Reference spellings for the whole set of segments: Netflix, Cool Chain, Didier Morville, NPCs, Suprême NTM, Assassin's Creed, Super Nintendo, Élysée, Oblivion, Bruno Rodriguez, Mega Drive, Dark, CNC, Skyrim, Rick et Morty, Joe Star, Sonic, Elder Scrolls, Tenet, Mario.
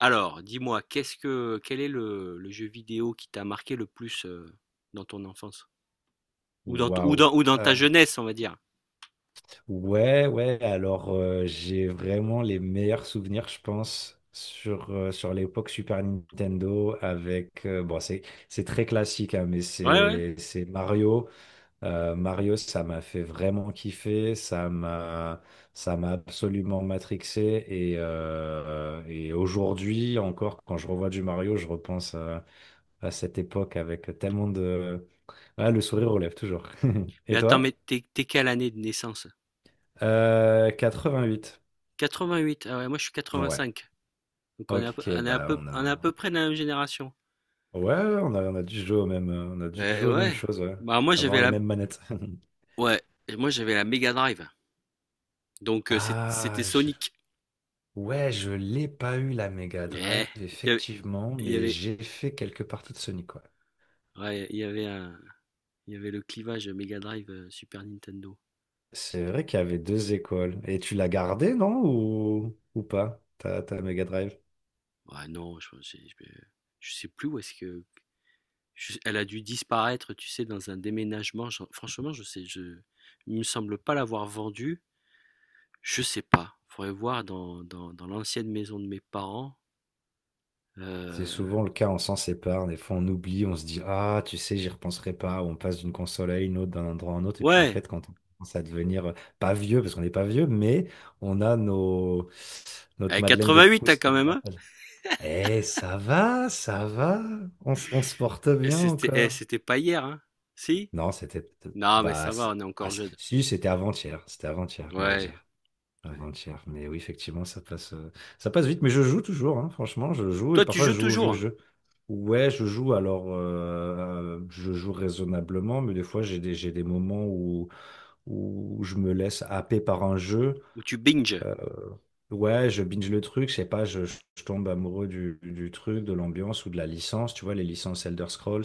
Alors, dis-moi, qu'est-ce que quel est le jeu vidéo qui t'a marqué le plus dans ton enfance? Ou dans, t- Waouh. Ou dans ta Euh, jeunesse, on va dire. ouais, ouais, alors j'ai vraiment les meilleurs souvenirs, je pense, sur l'époque Super Nintendo avec... bon, c'est très classique, hein, mais Ouais, ouais. c'est, c'est Mario. Mario, ça m'a fait vraiment kiffer, ça m'a absolument matrixé. Et aujourd'hui encore, quand je revois du Mario, je repense à cette époque avec tellement de... Ah, le sourire relève toujours. Mais Et attends, mais toi? t'es, t'es quelle année de naissance? 88. 88. Ah ouais, moi je suis Ouais. 85. Donc on est à peu, Ok, on est à bah peu, on a. on est à peu près de la même génération. Ouais, ouais, on a dû jouer aux mêmes, on a dû Ouais, jouer aux mêmes ouais. choses, ouais. Bah moi Avoir j'avais les la, mêmes manettes. ouais, moi j'avais la Mega Drive. Donc Ah, c'était je- Sonic. ouais, je l'ai pas eu la Mega Ouais. Drive, Il y avait, effectivement, il y mais avait, j'ai fait quelques parties de Sonic, ouais. ouais, il y avait un, il y avait le clivage Mega Drive Super Nintendo. C'est vrai qu'il y avait deux écoles. Et tu l'as gardée, non? Ou pas, ta Mega Drive? Ah non, je sais plus où est-ce que. Elle a dû disparaître, tu sais, dans un déménagement. Franchement, il me semble pas l'avoir vendue. Je sais pas. Faudrait voir dans, dans l'ancienne maison de mes parents. C'est Euh, souvent le cas, on s'en sépare, des fois on oublie, on se dit ah, tu sais, j'y repenserai pas, ou on passe d'une console à une autre, d'un endroit à un autre, et puis en ouais, fait, quand on commence à devenir pas vieux, parce qu'on n'est pas vieux, mais on a nos... elle notre est Madeleine de 88, hein, Proust quand qui nous même. Hein. rappelle. Eh, ça va, on se porte Et bien c'était, encore. c'était pas hier, hein. Si? Non, c'était. Non, mais ça Bah, va, on est encore jeune. si, c'était avant-hier, on va Ouais, dire. ouais. Avant-hier, mais oui, effectivement, ça passe vite. Mais je joue toujours, hein, franchement, je joue et Toi, tu parfois je joues joue aux toujours? vieux Hein. jeux. Ouais, je joue alors, je joue raisonnablement, mais des fois j'ai des moments où je me laisse happer par un jeu Ou tu binges? euh, ouais, je binge le truc, je sais pas, je tombe amoureux du truc, de l'ambiance ou de la licence, tu vois, les licences Elder Scrolls.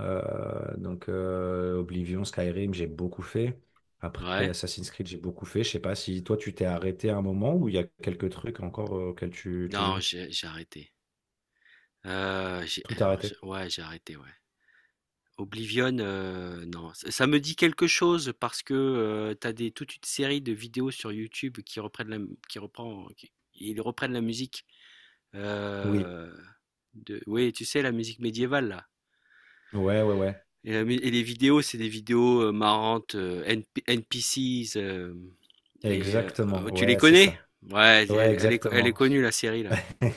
Oblivion, Skyrim, j'ai beaucoup fait. Après Ouais. Assassin's Creed, j'ai beaucoup fait. Je sais pas si toi tu t'es arrêté à un moment ou il y a quelques trucs encore auxquels tu Non, joues. J'ai arrêté. Tout arrêté. Ouais, j'ai arrêté, ouais. Oblivion, non, ç ça me dit quelque chose parce que, tu as des toute une série de vidéos sur YouTube qui reprennent la qui reprend qui ils reprennent la musique, Oui. heu, de oui, tu sais, la musique médiévale là. Ouais, ouais, ouais. Et la mu et les vidéos, c'est des vidéos, marrantes, heu, NP NPCs, hem et Exactement. oh, tu les Ouais, c'est connais? ça. Ouais, Ouais, elle est exactement. connue la série là,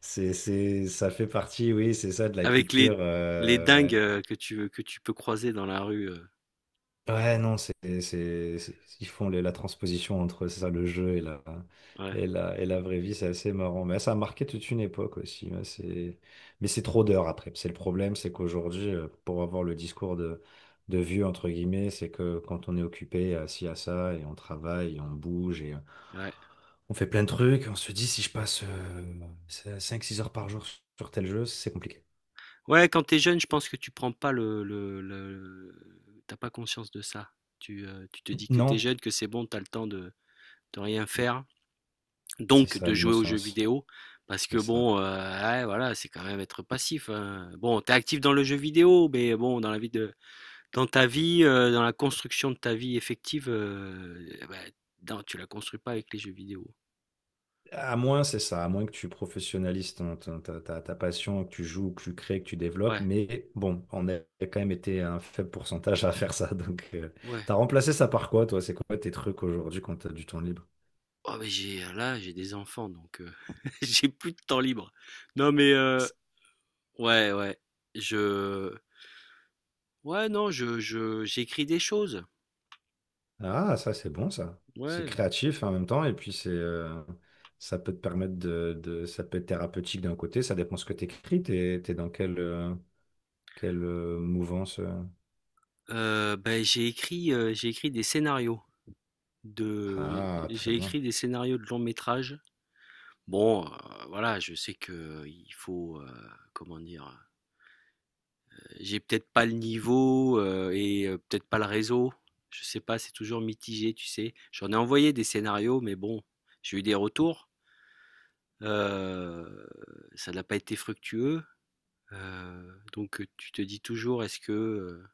Ça fait partie, oui, c'est ça, de la avec culture. les dingues, Ouais. Que tu peux croiser dans la rue, Ouais, non, c'est- ils font les- la transposition entre c'est ça, le jeu et la, ouais, et la, et la vraie vie, c'est assez marrant. Mais ça a marqué toute une époque aussi. Ouais, c'est... Mais c'est trop d'heures après. C'est le problème, c'est qu'aujourd'hui, pour avoir le discours de vieux, entre guillemets, c'est que quand on est occupé, assis à ça, et on travaille, et on bouge, et ouais. on fait plein de trucs, on se dit, si je passe 5 6 heures par jour sur tel jeu, c'est compliqué. Ouais, quand t'es jeune, je pense que tu prends pas le le tu pas conscience de ça. Tu, tu te dis que t'es Non, jeune, que c'est bon, t'as le temps de rien faire, c'est donc ça, de jouer aux jeux l'innocence. vidéo parce C'est que bon, ça. Ouais, voilà, c'est quand même être passif, hein. Bon, t'es actif dans le jeu vidéo, mais bon, dans ta vie, dans la construction de ta vie effective, bah, dans tu la construis pas avec les jeux vidéo. À moins, c'est ça, à moins que tu professionnalises ta passion, que tu joues, que tu crées, que tu développes. Ouais, Mais bon, on a quand même été un faible pourcentage à faire ça. Ouais. T'as remplacé ça par quoi, toi? C'est quoi tes trucs aujourd'hui quand t'as du temps libre? Oh, j'ai des enfants donc j'ai plus de temps libre. Non mais heu. Ouais, ouais. Je. Ouais, non, j'écris des choses. Ah, ça, c'est bon, ça. C'est Ouais. créatif hein, en même temps, et puis ça peut te permettre ça peut être thérapeutique d'un côté, ça dépend ce que t'écris, t'es dans quelle mouvance. J'ai écrit des scénarios de, Ah, très j'ai bien. écrit des scénarios de long métrage. Bon, voilà, je sais que il faut, comment dire, j'ai peut-être pas le niveau et peut-être pas le réseau. Je sais pas, c'est toujours mitigé, tu sais. J'en ai envoyé des scénarios, mais bon, j'ai eu des retours. Euh, Ça n'a pas été fructueux. Donc, tu te dis toujours: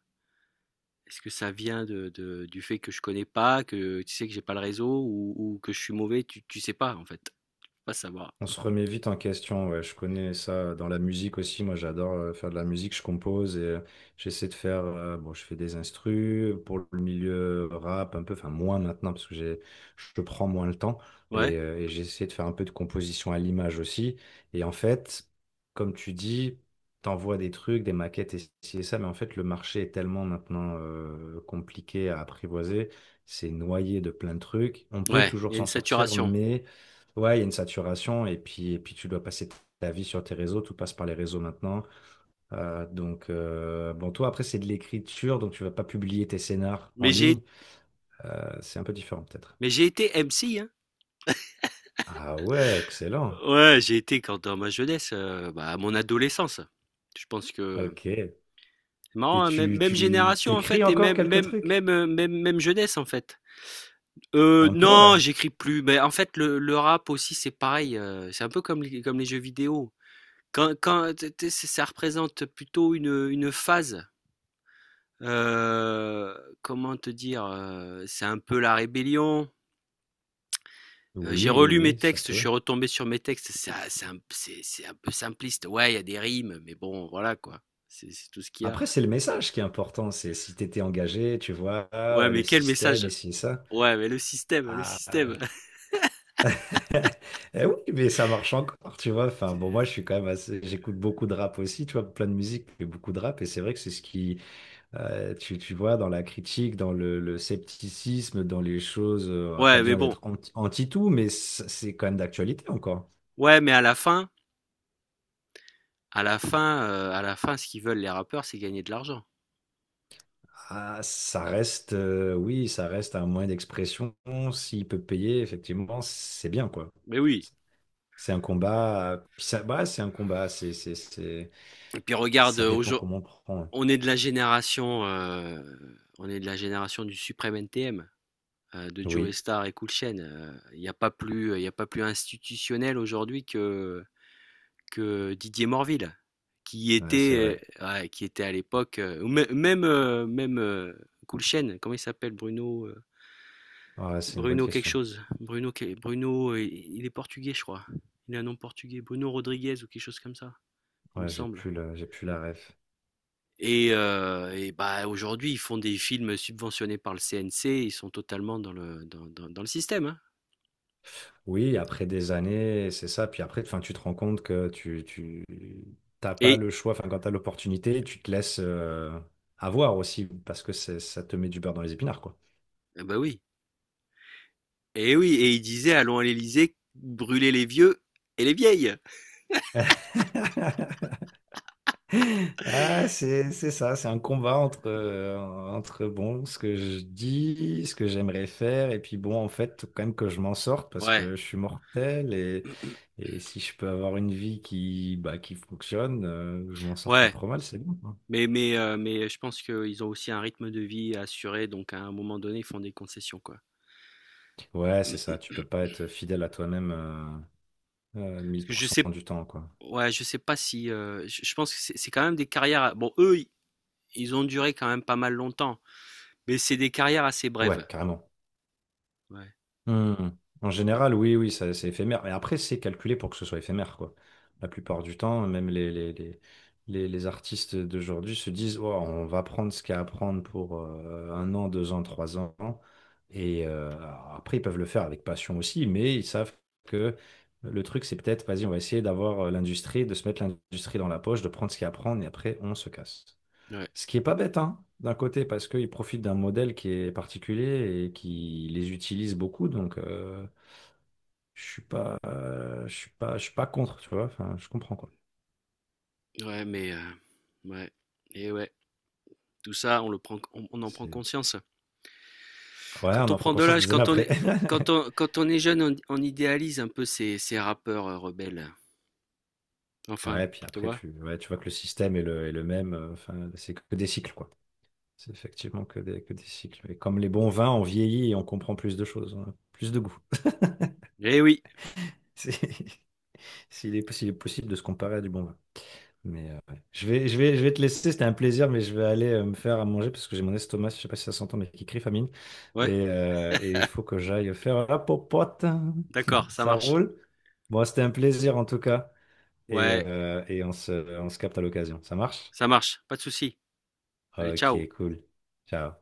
est-ce que ça vient de du fait que je connais pas, que tu sais que j'ai pas le réseau ou que je suis mauvais?» Tu tu sais pas en fait, tu peux pas savoir. On se remet vite en question, ouais. Je connais ça dans la musique aussi. Moi, j'adore faire de la musique. Je compose et j'essaie de faire. Bon, je fais des instrus pour le milieu rap un peu. Enfin, moins maintenant parce que je prends moins le temps Ouais? Et j'essaie de faire un peu de composition à l'image aussi. Et en fait, comme tu dis, t'envoies des trucs, des maquettes et ci et ça, mais en fait, le marché est tellement maintenant compliqué à apprivoiser. C'est noyé de plein de trucs. On peut Ouais, il toujours y a une s'en sortir, saturation. mais ouais, il y a une saturation et puis tu dois passer ta vie sur tes réseaux, tout passe par les réseaux maintenant. Bon, toi, après, c'est de l'écriture, donc tu vas pas publier tes scénars en Mais ligne. j'ai C'est un peu différent, peut-être. mais j'ai été MC, hein. Ah ouais, excellent. Ouais, j'ai été quand dans ma jeunesse, bah, à mon adolescence. Je pense que. Ok. C'est Et marrant, hein, même tu génération en t'écris fait et encore quelques trucs? Même jeunesse en fait. Un peu, Non, ouais. j'écris plus. Ben, en fait, le rap aussi, c'est pareil. C'est un peu comme les jeux vidéo. Ça représente plutôt une phase. Comment te dire, c'est un peu la rébellion. J'ai Oui, oui, relu mes oui, ça textes, je suis peut. retombé sur mes textes. C'est un peu simpliste. Ouais, il y a des rimes, mais bon, voilà quoi. C'est tout ce qu'il y a. Après, c'est le message qui est important. C'est si tu étais engagé, tu vois, Ouais, ah, le mais quel système message. et si ça. Ouais, mais le système, le système. Ah, eh oui, mais ça marche encore, tu vois. Enfin, bon, moi, je suis quand même assez. J'écoute beaucoup de rap aussi, tu vois, plein de musique, mais beaucoup de rap. Et c'est vrai que c'est ce qui, tu vois, dans la critique, le scepticisme, dans les choses, pas Ouais, mais besoin bon. d'être anti, anti-tout, mais c'est quand même d'actualité encore. Ouais, mais à la fin, à la fin, ce qu'ils veulent les rappeurs, c'est gagner de l'argent. Ah, ça reste, oui, ça reste un moyen d'expression. S'il peut payer, effectivement, c'est bien, quoi. Mais oui. C'est un combat. Puis ça, bah, c'est un combat. Et puis regarde, Ça dépend comment on prend, hein. on est de la génération, on est de la génération du Suprême NTM, de Joe Oui, Star et Cool Chain. Il y a pas plus institutionnel aujourd'hui que Didier Morville, qui ouais, c'est était, vrai. Ouais, qui était à l'époque, ou mê- même même Cool Chain. Comment il s'appelle, Bruno? Ouais, c'est une bonne Bruno quelque question. chose. Bruno, il est portugais, je crois. Il a un nom portugais, Bruno Rodriguez ou quelque chose comme ça, il me Ouais, semble. J'ai plus la ref. Et bah aujourd'hui, ils font des films subventionnés par le CNC, ils sont totalement dans le système. Hein. Oui, après des années, c'est ça. Puis après, enfin, tu te rends compte que t'as pas Et le choix. Enfin, quand t'as l'opportunité, tu te laisses avoir aussi parce que ça te met du beurre dans les épinards, quoi. ah bah oui, et oui, et il disait allons à l'Élysée, brûler les vieux et les vieilles. Ah, c'est ça, c'est un combat entre, entre bon, ce que je dis, ce que j'aimerais faire, et puis bon, en fait, faut quand même que je m'en sorte parce Ouais, que je suis mortel et si je peux avoir une vie qui, bah, qui fonctionne, je m'en sors pas ouais. trop mal, c'est bon, quoi. Mais je pense qu'ils ont aussi un rythme de vie à assurer, donc à un moment donné, ils font des concessions quoi. Ouais, c'est ça, tu peux pas être fidèle à toi-même Parce mille que pour je cent sais du temps, quoi. Ouais, je sais pas si, je pense que c'est quand même des carrières bon eux, i ils ont duré quand même pas mal longtemps, mais c'est des carrières assez brèves. Ouais, carrément. Ouais, Hmm. En général, oui, oui, c'est éphémère. Et après, c'est calculé pour que ce soit éphémère, quoi. La plupart du temps, même les artistes d'aujourd'hui se disent, oh, on va prendre ce qu'il y a à prendre pour 1 an, 2 ans, 3 ans. Et après, ils peuvent le faire avec passion aussi, mais ils savent que le truc, c'est peut-être, vas-y, on va essayer d'avoir l'industrie, de se mettre l'industrie dans la poche, de prendre ce qu'il y a à prendre, et après, on se casse. ouais, Ce qui est pas bête, hein, d'un côté, parce qu'ils profitent d'un modèle qui est particulier et qui les utilise beaucoup, je suis pas contre, tu vois. Enfin, je comprends quoi. ouais, mais ouais et ouais, tout ça on le prend on en prend C'est... conscience. Ouais, Quand on on en prend prend de conscience l'âge, des années après. Quand on est jeune, on idéalise un peu ces rappeurs, rebelles. Enfin, Ouais, puis tu après vois? Ouais, tu vois que le système est est le même. Enfin, c'est que des cycles quoi. C'est effectivement que que des cycles. Et comme les bons vins, on vieillit et on comprend plus de choses, on a plus de goût. Eh oui, C'est- s'il est possible de se comparer à du bon vin. Mais ouais. Je vais te laisser, c'était un plaisir, mais je vais aller me faire à manger parce que j'ai mon estomac, je sais pas si ça s'entend, mais qui crie famine. ouais, Et il faut que j'aille faire la popote. d'accord, ça Ça marche. roule? Bon, c'était un plaisir en tout cas. Ouais, Et on on se capte à l'occasion. Ça marche? ça marche, pas de souci. Allez, Ok, ciao. cool. Ciao.